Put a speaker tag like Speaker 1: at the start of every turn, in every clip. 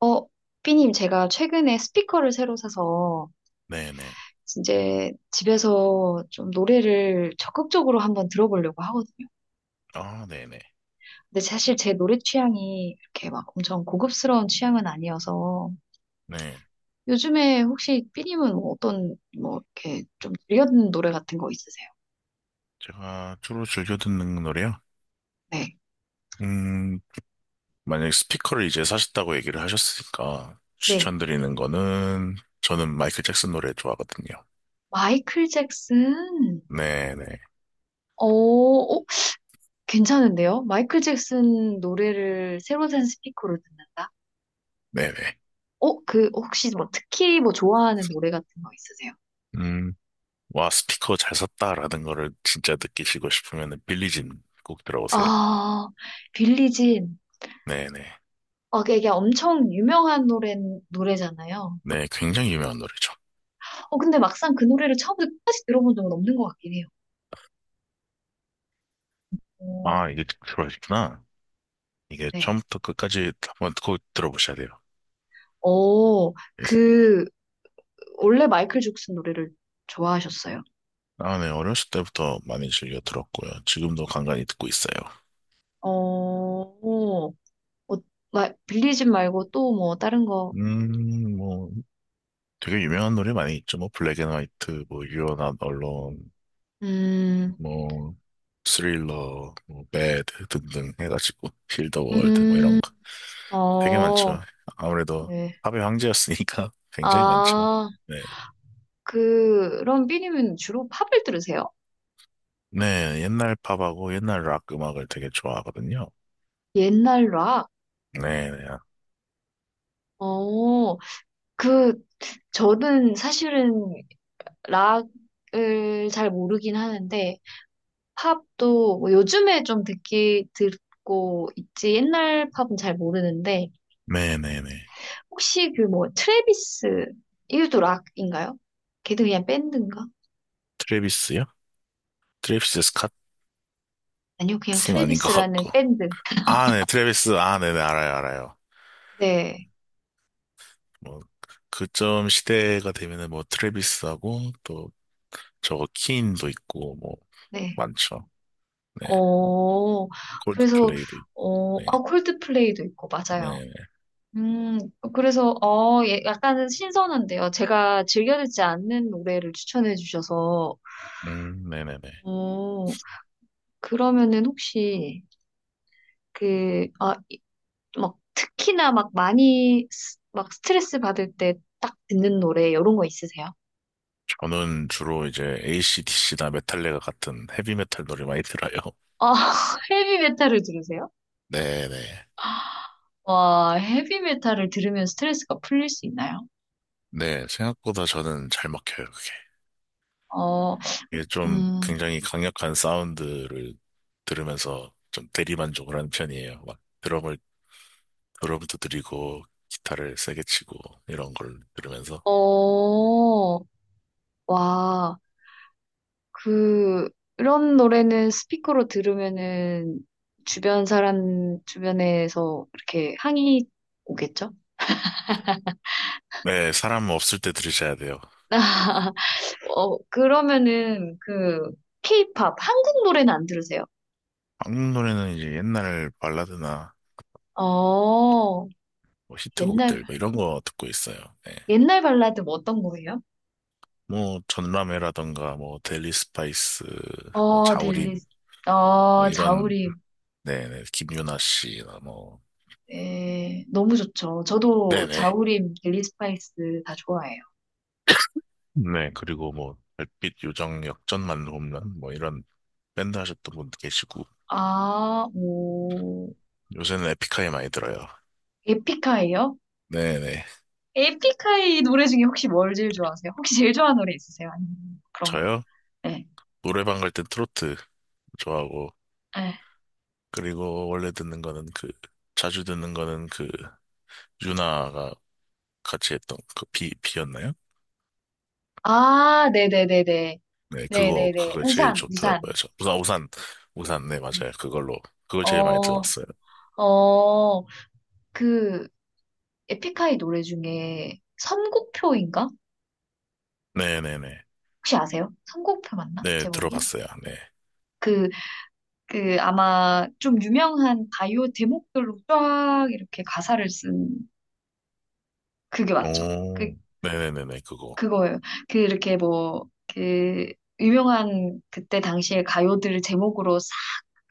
Speaker 1: 어, 삐님, 제가 최근에 스피커를 새로 사서
Speaker 2: 네네.
Speaker 1: 이제 집에서 좀 노래를 적극적으로 한번 들어보려고 하거든요.
Speaker 2: 아, 네네.
Speaker 1: 근데 사실 제 노래 취향이 이렇게 막 엄청 고급스러운 취향은 아니어서
Speaker 2: 네.
Speaker 1: 요즘에 혹시 삐님은 뭐 어떤 뭐 이렇게 좀 들려 듣는 노래 같은 거 있으세요?
Speaker 2: 제가 주로 즐겨 듣는 노래요?
Speaker 1: 네.
Speaker 2: 음, 만약에 스피커를 이제 사셨다고 얘기를 하셨으니까
Speaker 1: 네.
Speaker 2: 추천드리는 거는 저는 마이클 잭슨 노래 좋아하거든요.
Speaker 1: 마이클 잭슨.
Speaker 2: 네네.
Speaker 1: 어, 어, 괜찮은데요? 마이클 잭슨 노래를 새로 산 스피커로 듣는다?
Speaker 2: 네네.
Speaker 1: 혹시 뭐, 특히 뭐, 좋아하는 노래 같은 거 있으세요?
Speaker 2: 음, 와, 스피커 잘 샀다라는 거를 진짜 느끼시고 싶으면 빌리진 꼭 들어보세요.
Speaker 1: 아, 빌리진.
Speaker 2: 네네.
Speaker 1: 그게 엄청 유명한 노래잖아요.
Speaker 2: 네, 굉장히 유명한 노래죠.
Speaker 1: 근데 막상 그 노래를 처음부터 끝까지 들어본 적은 없는 것 같긴 해요. 오,
Speaker 2: 아, 이게 들어하셨구나. 이게
Speaker 1: 네.
Speaker 2: 처음부터 끝까지 한번 꼭 들어보셔야 돼요.
Speaker 1: 어,
Speaker 2: 예.
Speaker 1: 그, 원래 마이클 잭슨 노래를 좋아하셨어요?
Speaker 2: 아, 네. 어렸을 때부터 많이 즐겨 들었고요. 지금도 간간히 듣고 있어요.
Speaker 1: 어, 어, 빌리진 말고 또 뭐, 다른 거.
Speaker 2: 음, 뭐, 되게 유명한 노래 많이 있죠. 뭐, 블랙 앤 화이트, 뭐, 유연한 언론,
Speaker 1: 음,
Speaker 2: 뭐, 스릴러, 뭐, 배드 등등 해가지고, 힐더 월드, 뭐,
Speaker 1: 음,
Speaker 2: 이런 거. 되게
Speaker 1: 어,
Speaker 2: 많죠. 아무래도
Speaker 1: 네.
Speaker 2: 팝의 황제였으니까 굉장히 많죠.
Speaker 1: 아.
Speaker 2: 네.
Speaker 1: 그런 삐님은 주로 팝을 들으세요?
Speaker 2: 네, 옛날 팝하고 옛날 락 음악을 되게 좋아하거든요.
Speaker 1: 옛날 락?
Speaker 2: 네네.
Speaker 1: 어, 그, 저는 사실은 락을 잘 모르긴 하는데, 팝도 뭐 요즘에 좀 듣고 있지, 옛날 팝은 잘 모르는데,
Speaker 2: 네네네.
Speaker 1: 혹시 그 뭐, 트래비스, 이것도 락인가요? 걔도 그냥 밴드인가?
Speaker 2: 트래비스요? 트래비스
Speaker 1: 아니요, 그냥
Speaker 2: 스캇은 아닌 것
Speaker 1: 트래비스라는
Speaker 2: 같고.
Speaker 1: 밴드.
Speaker 2: 아, 네, 트래비스. 아, 네네, 알아요, 알아요.
Speaker 1: 네,
Speaker 2: 뭐, 그쯤 시대가 되면은 뭐, 트래비스하고, 또, 저거, 키인도 있고, 뭐,
Speaker 1: 네.
Speaker 2: 많죠. 네,
Speaker 1: 어, 그래서,
Speaker 2: 콜드플레이도 있고, 네,
Speaker 1: 아, 콜드플레이도 있고, 맞아요.
Speaker 2: 네,
Speaker 1: 음, 그래서, 예, 약간은 신선한데요. 제가 즐겨 듣지 않는 노래를 추천해 주셔서,
Speaker 2: 네네네.
Speaker 1: 어, 그러면은 혹시, 아, 막, 특히나 막 많이, 막 스트레스 받을 때 딱 듣는 노래, 이런 거 있으세요?
Speaker 2: 저는 주로 이제 AC/DC나 메탈리카 같은 헤비메탈 노래 많이 들어요.
Speaker 1: 아, 헤비메탈을 들으세요?
Speaker 2: 네네.
Speaker 1: 와, 헤비메탈을 들으면 스트레스가 풀릴 수 있나요?
Speaker 2: 네, 생각보다 저는 잘 먹혀요, 그게.
Speaker 1: 어,
Speaker 2: 이게 좀
Speaker 1: 음,
Speaker 2: 굉장히 강력한 사운드를 들으면서 좀 대리만족을 하는 편이에요. 막, 드럼을 여러분도 드리고 기타를 세게 치고 이런 걸 들으면서.
Speaker 1: 어, 와. 그, 그런 노래는 스피커로 들으면은 주변에서 이렇게 항의 오겠죠?
Speaker 2: 네, 사람 없을 때 들으셔야 돼요.
Speaker 1: 그러면은 케이팝, 한국 노래는 안 들으세요?
Speaker 2: 한국 노래는 이제 옛날 발라드나
Speaker 1: 어,
Speaker 2: 뭐
Speaker 1: 옛날,
Speaker 2: 히트곡들 뭐 이런 거 듣고 있어요. 네.
Speaker 1: 옛날 발라드 뭐 어떤 거예요?
Speaker 2: 뭐 전람회라던가 뭐 데일리 스파이스 뭐
Speaker 1: 델리,
Speaker 2: 자우림 뭐 이런.
Speaker 1: 자우림.
Speaker 2: 네네, 김유나 씨나 뭐.
Speaker 1: 예, 너무 좋죠. 저도
Speaker 2: 네네.
Speaker 1: 자우림, 델리 스파이스 다 좋아해요.
Speaker 2: 네, 그리고 뭐 별빛 요정 역전만 홈런 뭐 이런 밴드 하셨던 분도 계시고,
Speaker 1: 아, 오,
Speaker 2: 요새는 에픽하이 많이 들어요.
Speaker 1: 에픽하예요?
Speaker 2: 네네.
Speaker 1: 에픽하이 노래 중에 혹시 뭘 제일 좋아하세요? 혹시 제일 좋아하는 노래 있으세요? 아니면 그런 거?
Speaker 2: 저요?
Speaker 1: 네.
Speaker 2: 노래방 갈 땐 트로트 좋아하고,
Speaker 1: 네.
Speaker 2: 그리고 원래 듣는 거는 그, 자주 듣는 거는 그, 유나가 같이 했던 그 비였나요?
Speaker 1: 아, 네네네네.
Speaker 2: 네, 그거
Speaker 1: 네네네.
Speaker 2: 그거 제일
Speaker 1: 우산,
Speaker 2: 좋더라고요.
Speaker 1: 우산.
Speaker 2: 저, 우산. 우산. 우산. 네,
Speaker 1: 네.
Speaker 2: 맞아요. 그걸로, 그걸 제일 많이
Speaker 1: 어,
Speaker 2: 들었어요.
Speaker 1: 어, 그, 에픽하이 노래 중에 선곡표인가?
Speaker 2: 네네네.
Speaker 1: 혹시 아세요? 선곡표 맞나?
Speaker 2: 네,
Speaker 1: 제목이?
Speaker 2: 들어봤어요. 네.
Speaker 1: 그, 아마 좀 유명한 바이오 제목들로 쫙 이렇게 가사를 쓴 그게 맞죠?
Speaker 2: 오, 네네네네, 그거.
Speaker 1: 그거예요. 그 이렇게 뭐 그 유명한 그때 당시에 가요들 제목으로 싹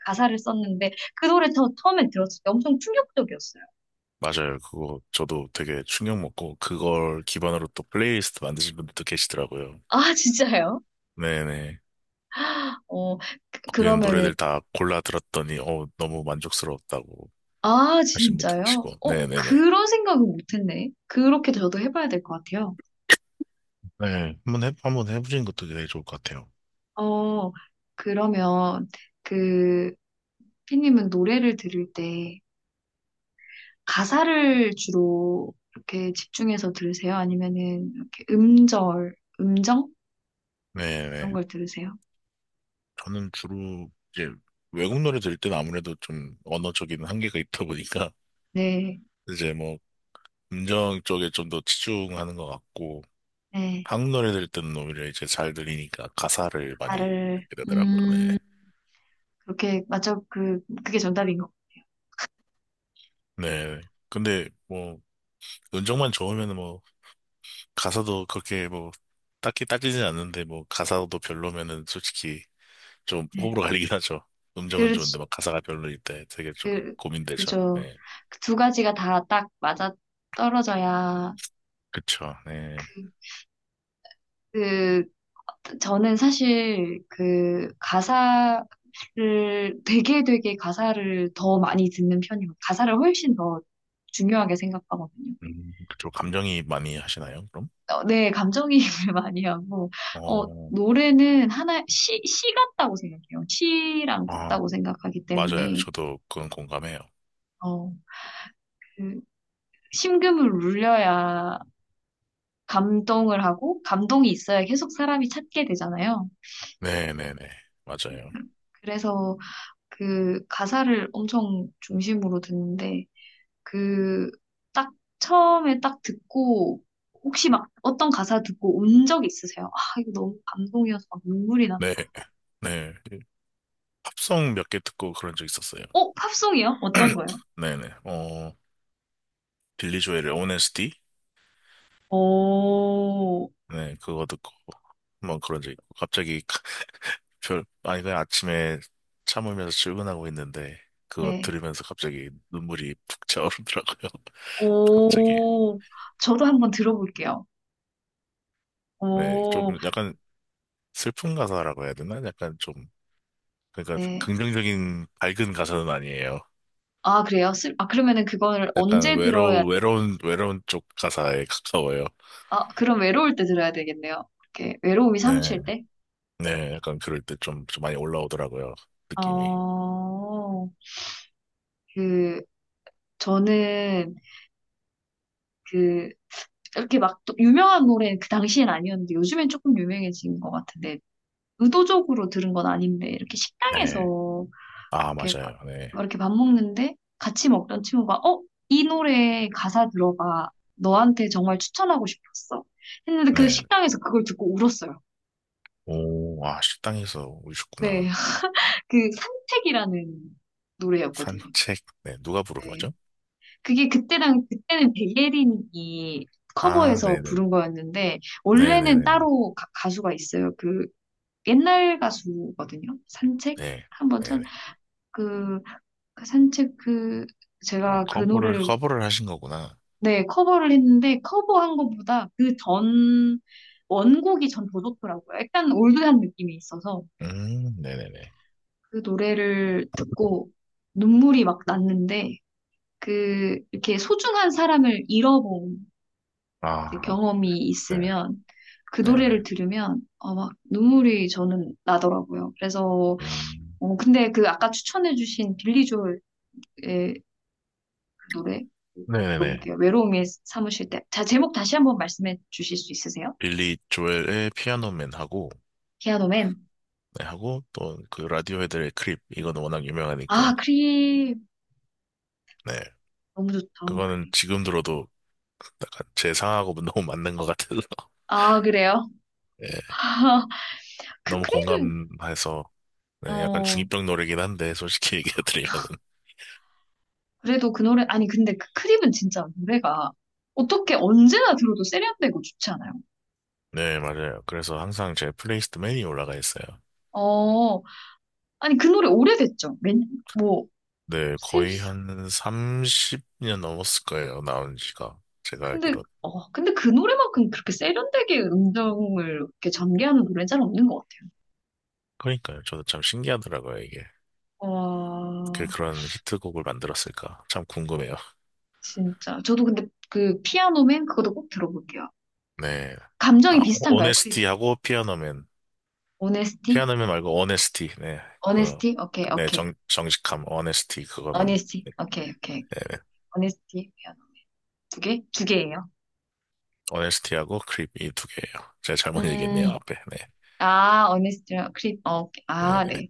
Speaker 1: 가사를 썼는데 그 노래 저 처음에 들었을 때 엄청 충격적이었어요.
Speaker 2: 맞아요. 그거 저도 되게 충격 먹고, 그걸 기반으로 또 플레이리스트 만드신 분들도 계시더라고요.
Speaker 1: 아, 진짜요?
Speaker 2: 네네.
Speaker 1: 어 그,
Speaker 2: 거기는
Speaker 1: 러면은아
Speaker 2: 노래들 다 골라 들었더니, 너무 만족스러웠다고. 하신 분도
Speaker 1: 진짜요?
Speaker 2: 계시고. 네네네.
Speaker 1: 그런 생각은 못했네. 그렇게 저도 해봐야 될 것 같아요.
Speaker 2: 네. 한번 해보시는 것도 되게 좋을 것 같아요.
Speaker 1: 어 그러면 그 피님은 노래를 들을 때 가사를 주로 이렇게 집중해서 들으세요? 아니면은 이렇게 음절, 음정? 그런
Speaker 2: 네네.
Speaker 1: 걸 들으세요?
Speaker 2: 저는 주로 이제 외국 노래 들을 때는 아무래도 좀 언어적인 한계가 있다 보니까
Speaker 1: 네,
Speaker 2: 이제 뭐 음정 쪽에 좀 더 치중하는 것 같고,
Speaker 1: 네.
Speaker 2: 한국 노래 들을 때는 오히려 이제 잘 들리니까 가사를 많이
Speaker 1: 나를,
Speaker 2: 듣게 되더라고요. 네.
Speaker 1: 음, 그렇게, 그게 정답인 것 같아요.
Speaker 2: 네. 근데 뭐 음정만 좋으면 뭐 가사도 그렇게 뭐 딱히 따지진 않는데, 뭐 가사도 별로면은 솔직히 좀
Speaker 1: 네.
Speaker 2: 호불호 갈리긴 하죠. 음정은
Speaker 1: 그,
Speaker 2: 좋은데 막 가사가 별로일 때 되게 좀
Speaker 1: 그,
Speaker 2: 고민되죠.
Speaker 1: 그죠.
Speaker 2: 네.
Speaker 1: 그두 가지가 다 딱 맞아 떨어져야,
Speaker 2: 그쵸. 네.
Speaker 1: 그, 그, 저는 사실 그 가사를 되게 되게 가사를 더 많이 듣는 편이고, 가사를 훨씬 더 중요하게 생각하거든요.
Speaker 2: 그쪽 감정이 많이 하시나요, 그럼?
Speaker 1: 네, 감정이입을 많이 하고,
Speaker 2: 어,
Speaker 1: 노래는 시 같다고 생각해요. 시랑
Speaker 2: 아,
Speaker 1: 같다고 생각하기
Speaker 2: 맞아요.
Speaker 1: 때문에,
Speaker 2: 저도 그건 공감해요.
Speaker 1: 어, 그 심금을 울려야 감동을 하고, 감동이 있어야 계속 사람이 찾게 되잖아요.
Speaker 2: 네네네. 맞아요.
Speaker 1: 그래서 그 가사를 엄청 중심으로 듣는데, 그, 딱, 처음에 딱 듣고, 혹시 막 어떤 가사 듣고 운 적 있으세요? 아, 이거 너무 감동이어서 막 눈물이 나.
Speaker 2: 네. 네. 팝송 몇 개 듣고 그런 적 있었어요.
Speaker 1: 팝송이요? 어떤 거요?
Speaker 2: 네네. 어, 빌리 조엘의 h o n s t.
Speaker 1: 오,
Speaker 2: 네, 그거 듣고 한번 그런 적 있고. 갑자기 아니, 그냥 아침에 참으면서 출근하고 있는데, 그거
Speaker 1: 네.
Speaker 2: 들으면서 갑자기 눈물이 푹 차오르더라고요. 갑자기.
Speaker 1: 오, 저도 한번 들어볼게요.
Speaker 2: 네, 좀
Speaker 1: 오,
Speaker 2: 약간 슬픈 가사라고 해야 되나? 약간 좀, 그러니까
Speaker 1: 네.
Speaker 2: 긍정적인 밝은 가사는 아니에요.
Speaker 1: 아, 그래요? 아, 그러면은 그거를
Speaker 2: 약간
Speaker 1: 언제 들어야 돼?
Speaker 2: 외로운 쪽 가사에 가까워요.
Speaker 1: 아, 그럼 외로울 때 들어야 되겠네요. 이렇게 외로움이
Speaker 2: 네,
Speaker 1: 사무칠 때?
Speaker 2: 네, 약간 그럴 때 좀, 좀 많이 올라오더라고요. 느낌이.
Speaker 1: 어, 그, 저는 그, 이렇게 막 또 유명한 노래는 그 당시엔 아니었는데 요즘엔 조금 유명해진 것 같은데 의도적으로 들은 건 아닌데 이렇게
Speaker 2: 네.
Speaker 1: 식당에서
Speaker 2: 아,
Speaker 1: 이렇게 밥,
Speaker 2: 맞아요. 네.
Speaker 1: 이렇게 밥 먹는데 같이 먹던 친구가 어? 이 노래 가사 들어봐. 너한테 정말 추천하고 싶었어. 했는데 그
Speaker 2: 네.
Speaker 1: 식당에서 그걸 듣고 울었어요.
Speaker 2: 오, 아, 식당에서
Speaker 1: 네.
Speaker 2: 오셨구나.
Speaker 1: 그 산책이라는 노래였거든요.
Speaker 2: 산책. 네, 누가 부른
Speaker 1: 네.
Speaker 2: 거죠?
Speaker 1: 그게 그때랑 그때는 백예린이
Speaker 2: 아,
Speaker 1: 커버해서
Speaker 2: 네네.
Speaker 1: 부른 거였는데 원래는
Speaker 2: 네네네네.
Speaker 1: 따로 가수가 있어요. 그 옛날 가수거든요. 산책
Speaker 2: 네.
Speaker 1: 한번 천,
Speaker 2: 네네.
Speaker 1: 그, 그 산책 그
Speaker 2: 아,
Speaker 1: 제가 그 노래를
Speaker 2: 커버를 하신 거구나.
Speaker 1: 네, 커버를 했는데 커버한 것보다 그 전 원곡이 전 더 좋더라고요. 약간 올드한 느낌이 있어서
Speaker 2: 네네네.
Speaker 1: 그 노래를 듣고 눈물이 막 났는데 그 이렇게 소중한 사람을 잃어본 이제
Speaker 2: 아,
Speaker 1: 경험이
Speaker 2: 네.
Speaker 1: 있으면 그 노래를
Speaker 2: 네네.
Speaker 1: 들으면 막 눈물이 저는 나더라고요. 그래서
Speaker 2: 음,
Speaker 1: 근데 그 아까 추천해주신 빌리 조엘의 그 노래
Speaker 2: 네네네.
Speaker 1: 들어볼게요. 외로움이 사무실 때. 자, 제목 다시 한번 말씀해 주실 수 있으세요?
Speaker 2: 빌리 조엘의 피아노맨하고,
Speaker 1: 피아노맨.
Speaker 2: 네, 하고, 또 그 라디오헤드의 크립. 이거는 워낙 유명하니까.
Speaker 1: 아, 크림.
Speaker 2: 네.
Speaker 1: 너무 좋죠,
Speaker 2: 그거는
Speaker 1: 크림.
Speaker 2: 지금 들어도 약간 제 상하고 너무 맞는 것 같아서.
Speaker 1: 아, 그래요?
Speaker 2: 예.
Speaker 1: 그
Speaker 2: 너무
Speaker 1: 크림은,
Speaker 2: 공감해서. 네, 약간
Speaker 1: 어,
Speaker 2: 중이병 노래긴 한데, 솔직히 얘기해드리면은.
Speaker 1: 그래도 그 노래, 아니, 근데 그 크림은 진짜 노래가 어떻게 언제나 들어도 세련되고 좋지 않아요?
Speaker 2: 네, 맞아요. 그래서 항상 제 플레이리스트 맨이 올라가 있어요.
Speaker 1: 어, 아니, 그 노래 오래됐죠? 뭐,
Speaker 2: 네,
Speaker 1: 셀,
Speaker 2: 거의 한 30년 넘었을 거예요, 나온 지가. 제가
Speaker 1: 근데,
Speaker 2: 알기로는.
Speaker 1: 근데 그 노래만큼 그렇게 세련되게 음정을 이렇게 전개하는 노래는 잘 없는 것 같아요.
Speaker 2: 그러니까요, 저도 참 신기하더라고요, 이게. 그
Speaker 1: 와,
Speaker 2: 그런 히트곡을 만들었을까? 참 궁금해요.
Speaker 1: 진짜. 저도 근데 그 피아노맨 그것도 꼭 들어볼게요.
Speaker 2: 네.
Speaker 1: 감정이
Speaker 2: 아,
Speaker 1: 비슷한가요, 크림?
Speaker 2: 오네스티하고 피아노맨.
Speaker 1: 오네스티?
Speaker 2: 피아노맨 말고 오네스티. 네. 그,
Speaker 1: 어네스티? 오케이,
Speaker 2: 네,
Speaker 1: 오케이.
Speaker 2: 정직함, 오네스티, 그거는.
Speaker 1: 어니스티. 오케이, 오케이.
Speaker 2: 네, 네.
Speaker 1: 어니스티 피아노. 두 개? 두 개예요.
Speaker 2: 오네스티하고 크립 이 두 개예요. 제가 잘못 얘기했네요,
Speaker 1: 음,
Speaker 2: 앞에. 네.
Speaker 1: 아, 어니스티랑 크립. 어, 오케이. 아,
Speaker 2: 네네네.
Speaker 1: 네.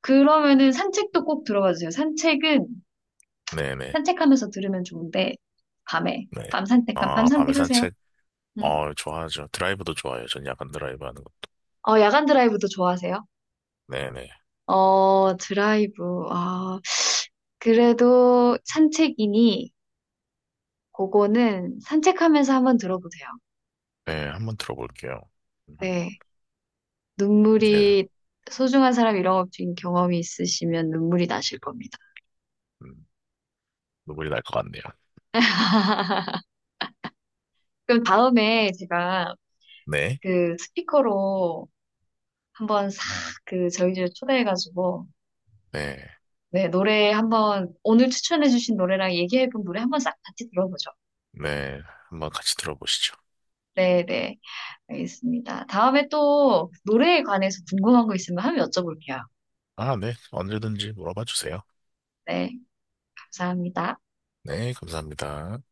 Speaker 1: 그러면은 산책도 꼭 들어봐 주세요. 산책은
Speaker 2: 네네. 네.
Speaker 1: 산책하면서 들으면 좋은데 밤에
Speaker 2: 네, 네. 네.
Speaker 1: 밤
Speaker 2: 아, 밤에
Speaker 1: 산책하세요.
Speaker 2: 산책.
Speaker 1: 음.
Speaker 2: 어, 좋아하죠. 드라이브도 좋아해요. 전 야간 드라이브 하는 것도.
Speaker 1: 야간 드라이브도 좋아하세요?
Speaker 2: 네네.
Speaker 1: 드라이브. 아, 그래도 산책이니 그거는 산책하면서 한번 들어보세요.
Speaker 2: 네, 한번 들어볼게요. 음,
Speaker 1: 네.
Speaker 2: 이제
Speaker 1: 눈물이 소중한 사람 잃어버린 경험이 있으시면 눈물이 나실 겁니다.
Speaker 2: 음, 눈물이 날 것 같네요.
Speaker 1: 그럼 다음에 제가
Speaker 2: 네,
Speaker 1: 그 스피커로 한번 싹 그 저희 집 초대해가지고
Speaker 2: 네,
Speaker 1: 네 노래 한번 오늘 추천해주신 노래랑 얘기해본 노래 한번 싹 같이 들어보죠.
Speaker 2: 네, 한번 같이 들어보시죠.
Speaker 1: 네네, 알겠습니다. 다음에 또 노래에 관해서 궁금한 거 있으면 한번 여쭤볼게요.
Speaker 2: 아, 네, 언제든지 물어봐 주세요.
Speaker 1: 네, 감사합니다.
Speaker 2: 네, 감사합니다.